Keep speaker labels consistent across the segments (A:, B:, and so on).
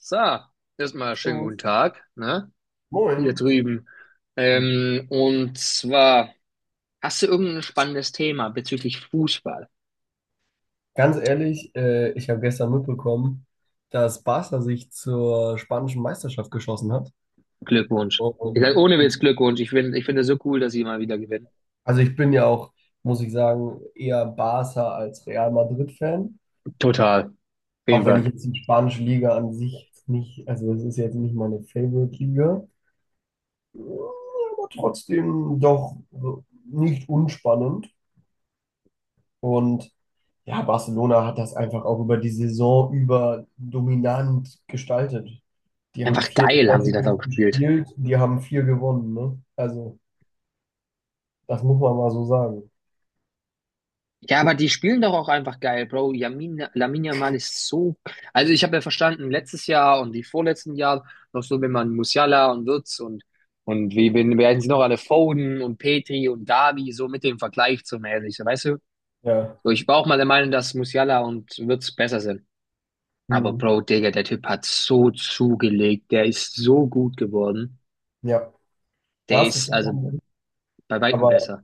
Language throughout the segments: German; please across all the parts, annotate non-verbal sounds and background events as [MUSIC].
A: So, erstmal schönen
B: So,
A: guten Tag, ne? Hier
B: Moin.
A: drüben. Und zwar, hast du irgendein spannendes Thema bezüglich Fußball?
B: Ganz ehrlich, ich habe gestern mitbekommen, dass Barca sich zur spanischen Meisterschaft geschossen hat.
A: Glückwunsch. Ich sag
B: Und,
A: ohne Witz Glückwunsch. Ich finde es so cool, dass sie mal wieder gewinnen.
B: also ich bin ja auch, muss ich sagen, eher Barca als Real Madrid-Fan.
A: Total. Auf jeden
B: Auch wenn ich
A: Fall.
B: jetzt die spanische Liga an sich jetzt nicht, also es ist jetzt nicht meine Favorite-Liga, ja, aber trotzdem doch nicht unspannend. Und ja, Barcelona hat das einfach auch über die Saison über dominant gestaltet. Die haben
A: Einfach
B: vier
A: geil haben sie das
B: Klassiker
A: auch gespielt.
B: gespielt, die haben vier gewonnen, ne? Also, das muss man mal so sagen.
A: Ja, aber die spielen doch auch einfach geil, Bro. Yamin, Lamine Yamal ist so. Also, ich habe ja verstanden, letztes Jahr und die vorletzten Jahre noch so, wenn man Musiala und Wirtz und werden sie noch alle Foden und Petri und Davi so mit dem Vergleich zu mäßig, so, weißt du?
B: Ja.
A: So, ich war auch mal der Meinung, dass Musiala und Wirtz besser sind. Aber,
B: Hm.
A: Bro, Digga, der Typ hat so zugelegt. Der ist so gut geworden.
B: Ja. Ja,
A: Der
B: hast du
A: ist also
B: vollkommen recht.
A: bei weitem
B: Aber
A: besser.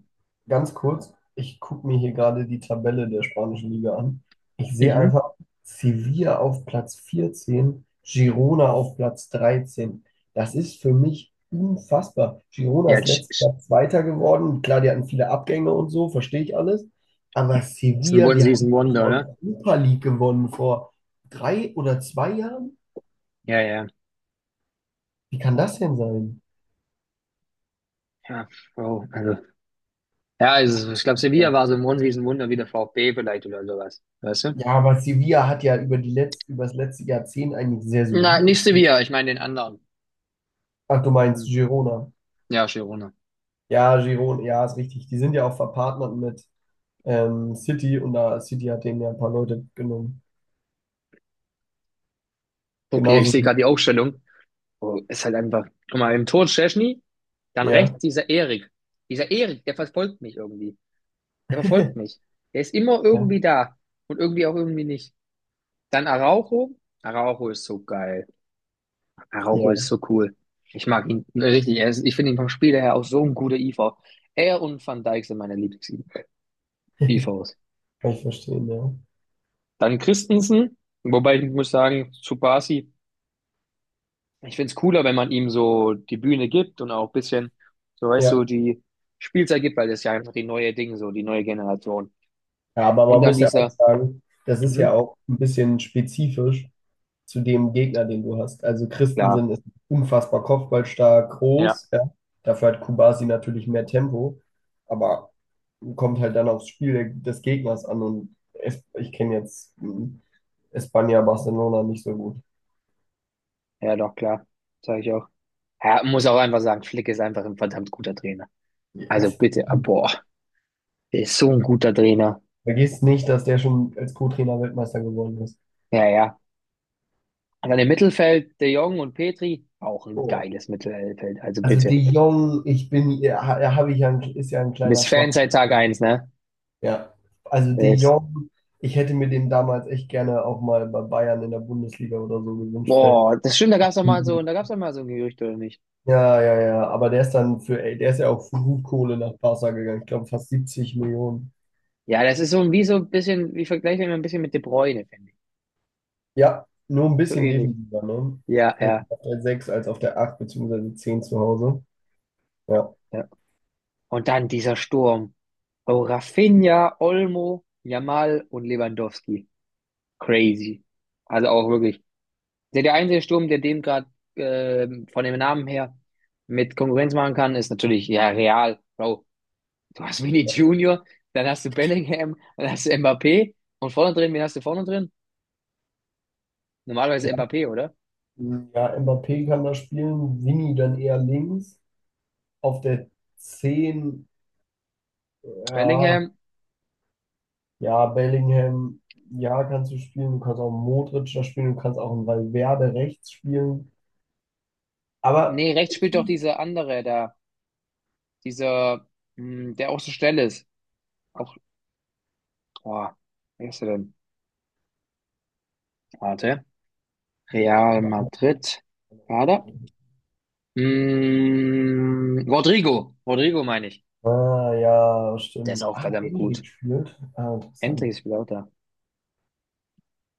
B: ganz kurz, ich gucke mir hier gerade die Tabelle der spanischen Liga an. Ich sehe
A: Mhm.
B: einfach Sevilla auf Platz 14, Girona auf Platz 13. Das ist für mich unfassbar. Girona
A: Ja,
B: ist
A: tsch-
B: letztes
A: tsch.
B: Jahr Zweiter geworden. Klar, die hatten viele Abgänge und so, verstehe ich alles. Aber
A: Ist ein
B: Sevilla, die haben die
A: One-Season-Wonder, oder?
B: Europa League gewonnen vor drei oder zwei Jahren.
A: Ja, ja.
B: Wie kann das denn sein?
A: Ja, Bro, also. Ja, also ich glaube, Sevilla war so ein Riesenwunder wie der VfB vielleicht oder sowas. Weißt du?
B: Ja, aber Sevilla hat ja über die letzt, über das letzte Jahrzehnt eigentlich sehr
A: Na,
B: solide.
A: nicht Sevilla, ich meine den anderen.
B: Ach, du meinst
A: Hm.
B: Girona.
A: Ja, Girona.
B: Ja, Girona, ja, ist richtig. Die sind ja auch verpartnert mit City und da City hat denen ja ein paar Leute genommen.
A: Okay, ich
B: Genauso
A: sehe
B: wie,
A: gerade die Aufstellung. Oh, ist halt einfach. Guck mal, im Tor Szczęsny, dann
B: ja.
A: rechts dieser Erik. Dieser Erik, der verfolgt mich irgendwie. Der verfolgt
B: [LAUGHS]
A: mich. Der ist immer
B: Ja,
A: irgendwie da und irgendwie auch irgendwie nicht. Dann Araujo. Araujo ist so geil. Araujo ist
B: ja.
A: so cool. Ich mag ihn richtig. Er ist, ich finde ihn vom Spieler her auch so ein guter IV. Er und Van Dijk sind meine Lieblings-IVs.
B: [LAUGHS] Kann ich verstehen, ja.
A: Dann Christensen, wobei ich muss sagen, zu Basi, ich find's cooler, wenn man ihm so die Bühne gibt und auch ein bisschen, so weißt du,
B: Ja.
A: die Spielzeit gibt, weil das ist ja einfach die neue Ding, so die neue Generation.
B: Ja, aber
A: Und
B: man
A: dann
B: muss ja auch
A: dieser,
B: sagen, das ist ja
A: mhm,
B: auch ein bisschen spezifisch zu dem Gegner, den du hast. Also
A: klar,
B: Christensen ist unfassbar kopfballstark,
A: ja,
B: groß, ja. Dafür hat Kubasi natürlich mehr Tempo, aber kommt halt dann aufs Spiel des Gegners an und es, ich kenne jetzt Espanja, Barcelona nicht so gut.
A: ja, doch, klar, sage ich auch. Ja, muss auch einfach sagen, Flick ist einfach ein verdammt guter Trainer.
B: Ja.
A: Also bitte, ah, boah, der ist so ein guter Trainer.
B: Vergiss nicht, dass der schon als Co-Trainer Weltmeister geworden ist.
A: Ja, ja. Und dann im Mittelfeld, De Jong und Petri, auch ein
B: Oh.
A: geiles Mittelfeld. Also
B: Also De
A: bitte,
B: Jong, ich bin, ja, habe ich ja, ein, ist ja ein
A: bis
B: kleiner
A: Fan
B: Schwachpunkt.
A: seit Tag eins, ne?
B: Ja, also De Jong, ich hätte mir den damals echt gerne auch mal bei Bayern in der Bundesliga oder so gewünscht, weil-
A: Boah, das stimmt, da gab's doch mal so, da gab's doch mal so ein Gerücht, oder nicht?
B: Ja, aber der ist dann für, ey, der ist ja auch für gut Kohle nach Barca gegangen. Ich glaube fast 70 Millionen.
A: Ja, das ist wie so ein bisschen, wie vergleiche immer ein bisschen mit De Bruyne, finde ich.
B: Ja, nur ein
A: So
B: bisschen
A: ähnlich.
B: defensiver, ne?
A: Ja,
B: Hätte
A: ja,
B: ich auf der 6 als auf der acht beziehungsweise zehn zu Hause. Ja.
A: ja. Und dann dieser Sturm. Oh, Rafinha, Olmo, Yamal und Lewandowski. Crazy. Also auch wirklich. Der einzige Sturm, der dem gerade von dem Namen her mit Konkurrenz machen kann, ist natürlich, ja, Real. Bro, du hast Vini
B: Ja,
A: Junior, dann hast du Bellingham, dann hast du Mbappé und vorne drin, wen hast du vorne drin? Normalerweise
B: ja,
A: Mbappé, oder?
B: ja, Mbappé kann da spielen, Vini dann eher links. Auf der zehn, ja,
A: Bellingham,
B: ja, Bellingham, ja, kannst du spielen. Du kannst auch einen Modric da spielen. Du kannst auch einen Valverde rechts spielen. Aber,
A: nee, rechts spielt doch dieser andere da, dieser, der auch so schnell ist. Auch, boah, wer ist er denn? Warte. Real Madrid. War da? Rodrigo. Rodrigo meine ich.
B: ah, ja,
A: Der ist
B: stimmt.
A: auch
B: Ah,
A: verdammt gut.
B: Endrick spielt. Ah,
A: Endlich
B: interessant.
A: ist wieder auch da.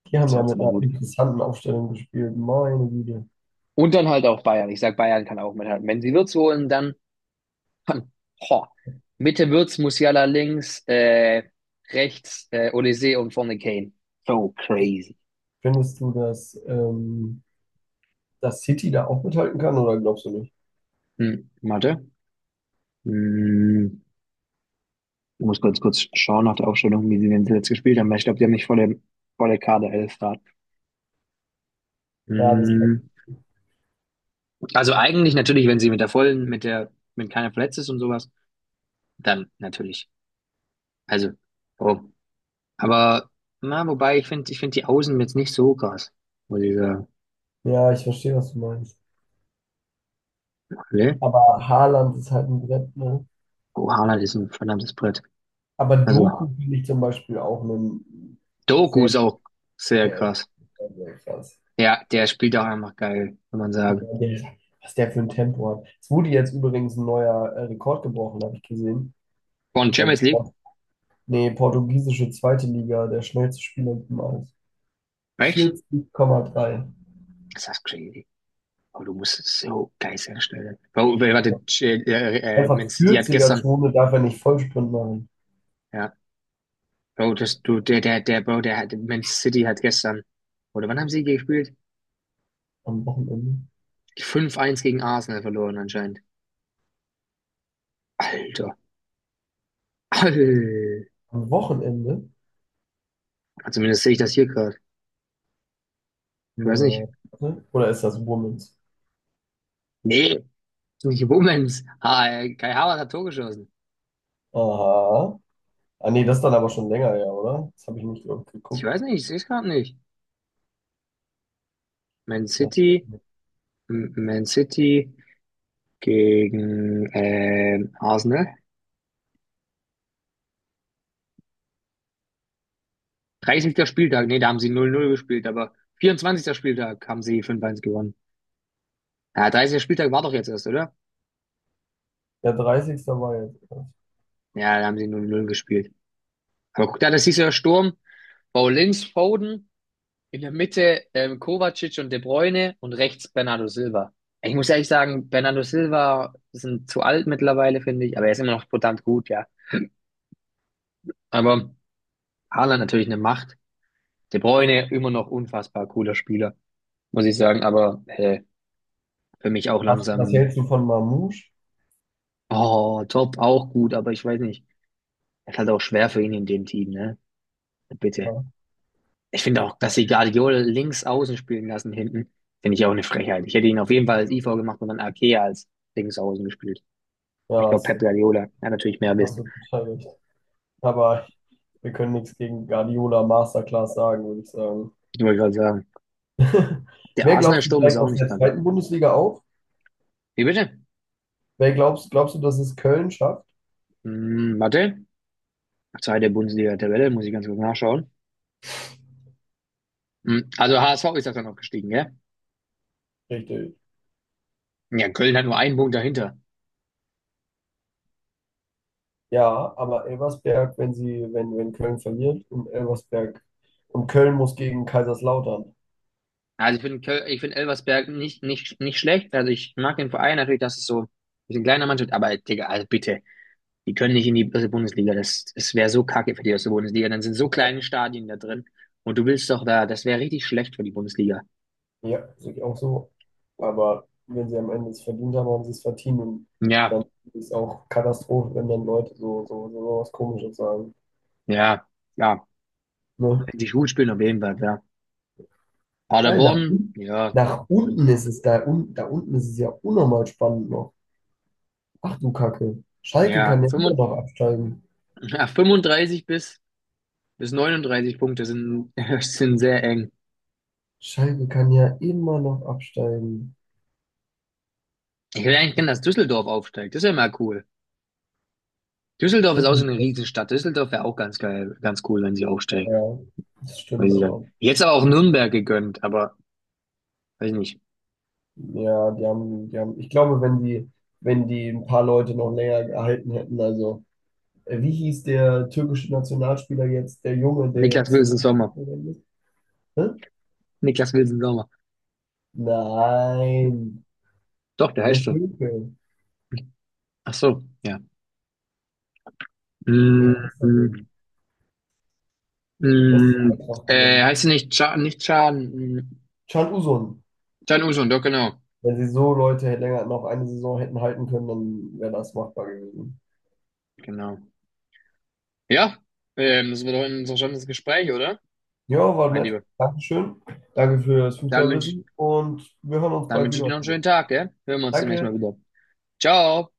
B: Die
A: Der
B: haben
A: ist
B: ja
A: auch
B: mit
A: verdammt
B: einer
A: gut.
B: interessanten Aufstellung gespielt. Meine Güte.
A: Und dann halt auch Bayern. Ich sag, Bayern kann auch mithalten. Wenn sie Wirtz holen, dann ho, Mitte Wirtz, Musiala links, rechts, Olise und vorne Kane. So crazy.
B: Findest du, dass, dass City da auch mithalten kann oder glaubst du nicht?
A: Warte. Hm, ich muss ganz kurz schauen nach der Aufstellung, wie sie denn jetzt gespielt haben, weil ich glaube, die haben nicht volle Kaderelf da.
B: Ja, das,
A: Hm, also eigentlich natürlich, wenn sie mit der vollen, mit der, wenn keiner verletzt ist und sowas, dann natürlich. Also, warum? Aber, na, wobei, ich finde die Außen jetzt nicht so krass, muss ich sagen.
B: ja, ich verstehe, was du meinst.
A: Ne?
B: Aber Haaland ist halt ein Brett, ne?
A: Oh, Haaland ist ein verdammtes Brett.
B: Aber
A: Also,
B: Doku finde ich zum Beispiel auch einen
A: Doku
B: sehr,
A: ist auch sehr
B: der,
A: krass.
B: also krass.
A: Ja, der spielt auch einfach geil, kann man
B: Ja,
A: sagen.
B: der, was der für ein Tempo hat. Es wurde jetzt übrigens ein neuer Rekord gebrochen, habe ich gesehen.
A: Von
B: Ich glaube,
A: Champions League?
B: Portugiesische zweite Liga, der schnellste Spieler im Aus.
A: Echt?
B: 40,3.
A: Ist das crazy. Aber du musst es so geil herstellen. Bro, warte, Man
B: Einfach
A: City hat gestern,
B: 40er-Zone darf er nicht Vollsprint machen.
A: ja, Bro, das, du, der, Bro, der hat, Man City hat gestern, oder wann haben sie gespielt?
B: Am Wochenende.
A: Fünf eins gegen Arsenal verloren anscheinend. Alter, Alter.
B: Am Wochenende?
A: Zumindest sehe ich das hier gerade. Ich weiß nicht.
B: Na, warte, oder ist das Womens?
A: Nee, nicht Womens. Kai Havertz hat Tor geschossen.
B: Aha. Ah, nee, das ist dann aber schon länger, ja, oder? Das habe ich nicht
A: Ich
B: geguckt.
A: weiß nicht, ich sehe es gerade nicht. Man
B: Ja.
A: City, Man City gegen Arsenal. 30. Spieltag, nee, da haben sie 0-0 gespielt, aber 24. Spieltag haben sie 5:1 gewonnen. Ja, 30. Spieltag war doch jetzt erst, oder?
B: Der 30. war jetzt.
A: Ja, da haben sie 0-0 gespielt. Aber guck da, das ist ja Sturm. Paulins, Foden, in der Mitte Kovacic und De Bruyne und rechts Bernardo Silva. Ich muss ehrlich sagen, Bernardo Silva sind zu alt mittlerweile, finde ich, aber er ist immer noch verdammt gut, ja. Aber Haaland natürlich eine Macht. De Bruyne immer noch unfassbar cooler Spieler, muss ich sagen, aber für mich auch
B: Was, was
A: langsam.
B: hältst du von Mamouche?
A: Oh, Top auch gut, aber ich weiß nicht. Es ist halt auch schwer für ihn in dem Team, ne? Bitte.
B: Klar.
A: Ich finde auch, dass sie Guardiola links außen spielen lassen hinten, finde ich auch eine Frechheit. Ich hätte ihn auf jeden Fall als IV gemacht und dann Ake als links außen gespielt. Ich
B: Ja,
A: glaube, Pep Guardiola hat natürlich mehr
B: hast
A: Wissen.
B: du total recht. Aber wir können nichts gegen Guardiola Masterclass sagen, würde ich sagen.
A: Ich wollte gerade sagen,
B: [LAUGHS]
A: der
B: Wer glaubst du
A: Arsenal-Sturm ist
B: steigt
A: auch
B: aus
A: nicht
B: der
A: kacke.
B: zweiten Bundesliga auf?
A: Wie bitte?
B: Wer glaubst du, dass es Köln schafft?
A: Warte. Zweite Bundesliga-Tabelle, muss ich ganz kurz nachschauen. Also HSV ist das dann noch gestiegen, gell?
B: Richtig.
A: Ja, Köln hat nur einen Punkt dahinter.
B: Ja, aber Elversberg, wenn sie, wenn Köln verliert und Elversberg und Köln muss gegen Kaiserslautern.
A: Also ich finde Elversberg nicht, nicht, nicht schlecht. Also ich mag den Verein natürlich, dass es so ein bisschen kleiner Mannschaft, aber Digga, also bitte, die können nicht in die erste Bundesliga. Das wäre so kacke für die erste Bundesliga. Dann sind so
B: Ja,
A: kleine Stadien da drin. Und du willst doch da, das wäre richtig schlecht für die Bundesliga.
B: ja, sehe ich auch so. Aber wenn sie am Ende es verdient haben, haben sie es verdient. Und
A: Ja,
B: dann ist es auch Katastrophe, wenn dann Leute so was Komisches sagen.
A: ja, ja.
B: Ne?
A: Wenn die gut spielen, auf jeden Fall, ja.
B: Alter,
A: Paderborn, ja,
B: nach unten ist es da, un, da unten ist es ja unnormal spannend noch. Ach du Kacke. Schalke
A: ja,
B: kann ja immer
A: 35,
B: noch absteigen.
A: ja, 35 bis 39 Punkte sind, [LAUGHS] sind sehr eng.
B: Schalke kann ja immer noch absteigen.
A: Ich will eigentlich
B: Ach
A: gerne, dass Düsseldorf aufsteigt. Das wäre mal cool. Düsseldorf
B: du
A: ist auch so eine
B: Kacke.
A: Riesenstadt. Düsseldorf wäre auch ganz geil, ganz cool, wenn sie aufsteigen.
B: Ja, das
A: Weiß
B: stimmt
A: ich dann.
B: aber.
A: Jetzt aber auch Nürnberg gegönnt, aber weiß nicht.
B: Ja, die haben, ich glaube, wenn wenn die ein paar Leute noch länger gehalten hätten, also, wie hieß der türkische Nationalspieler jetzt, der Junge, der
A: Niklas
B: jetzt
A: Wilson Sommer.
B: abgekommen ist? Hä?
A: Niklas Wilson Sommer.
B: Nein,
A: Doch, der heißt
B: der
A: so.
B: Türke.
A: Ach so, ja.
B: Wie
A: Mm,
B: heißt er
A: mm,
B: denn? Wer ist denn Eintracht gegangen?
A: heißt sie nicht Can, nicht Can, mm,
B: Chan Uzun.
A: Can Usun, doch, genau.
B: Wenn sie so Leute hätte- länger noch eine Saison hätten halten können, dann wäre das machbar gewesen.
A: Genau. Ja, das war doch ein interessantes Gespräch, oder?
B: Ja, war
A: Mein
B: nett.
A: Lieber.
B: Dankeschön. Danke für das
A: Dann wünsche ich,
B: Fußballwissen und wir hören uns
A: dann
B: bald
A: wünsche ich dir
B: wieder.
A: noch einen schönen Tag, gell? Hören wir uns demnächst mal
B: Danke.
A: wieder. Ciao!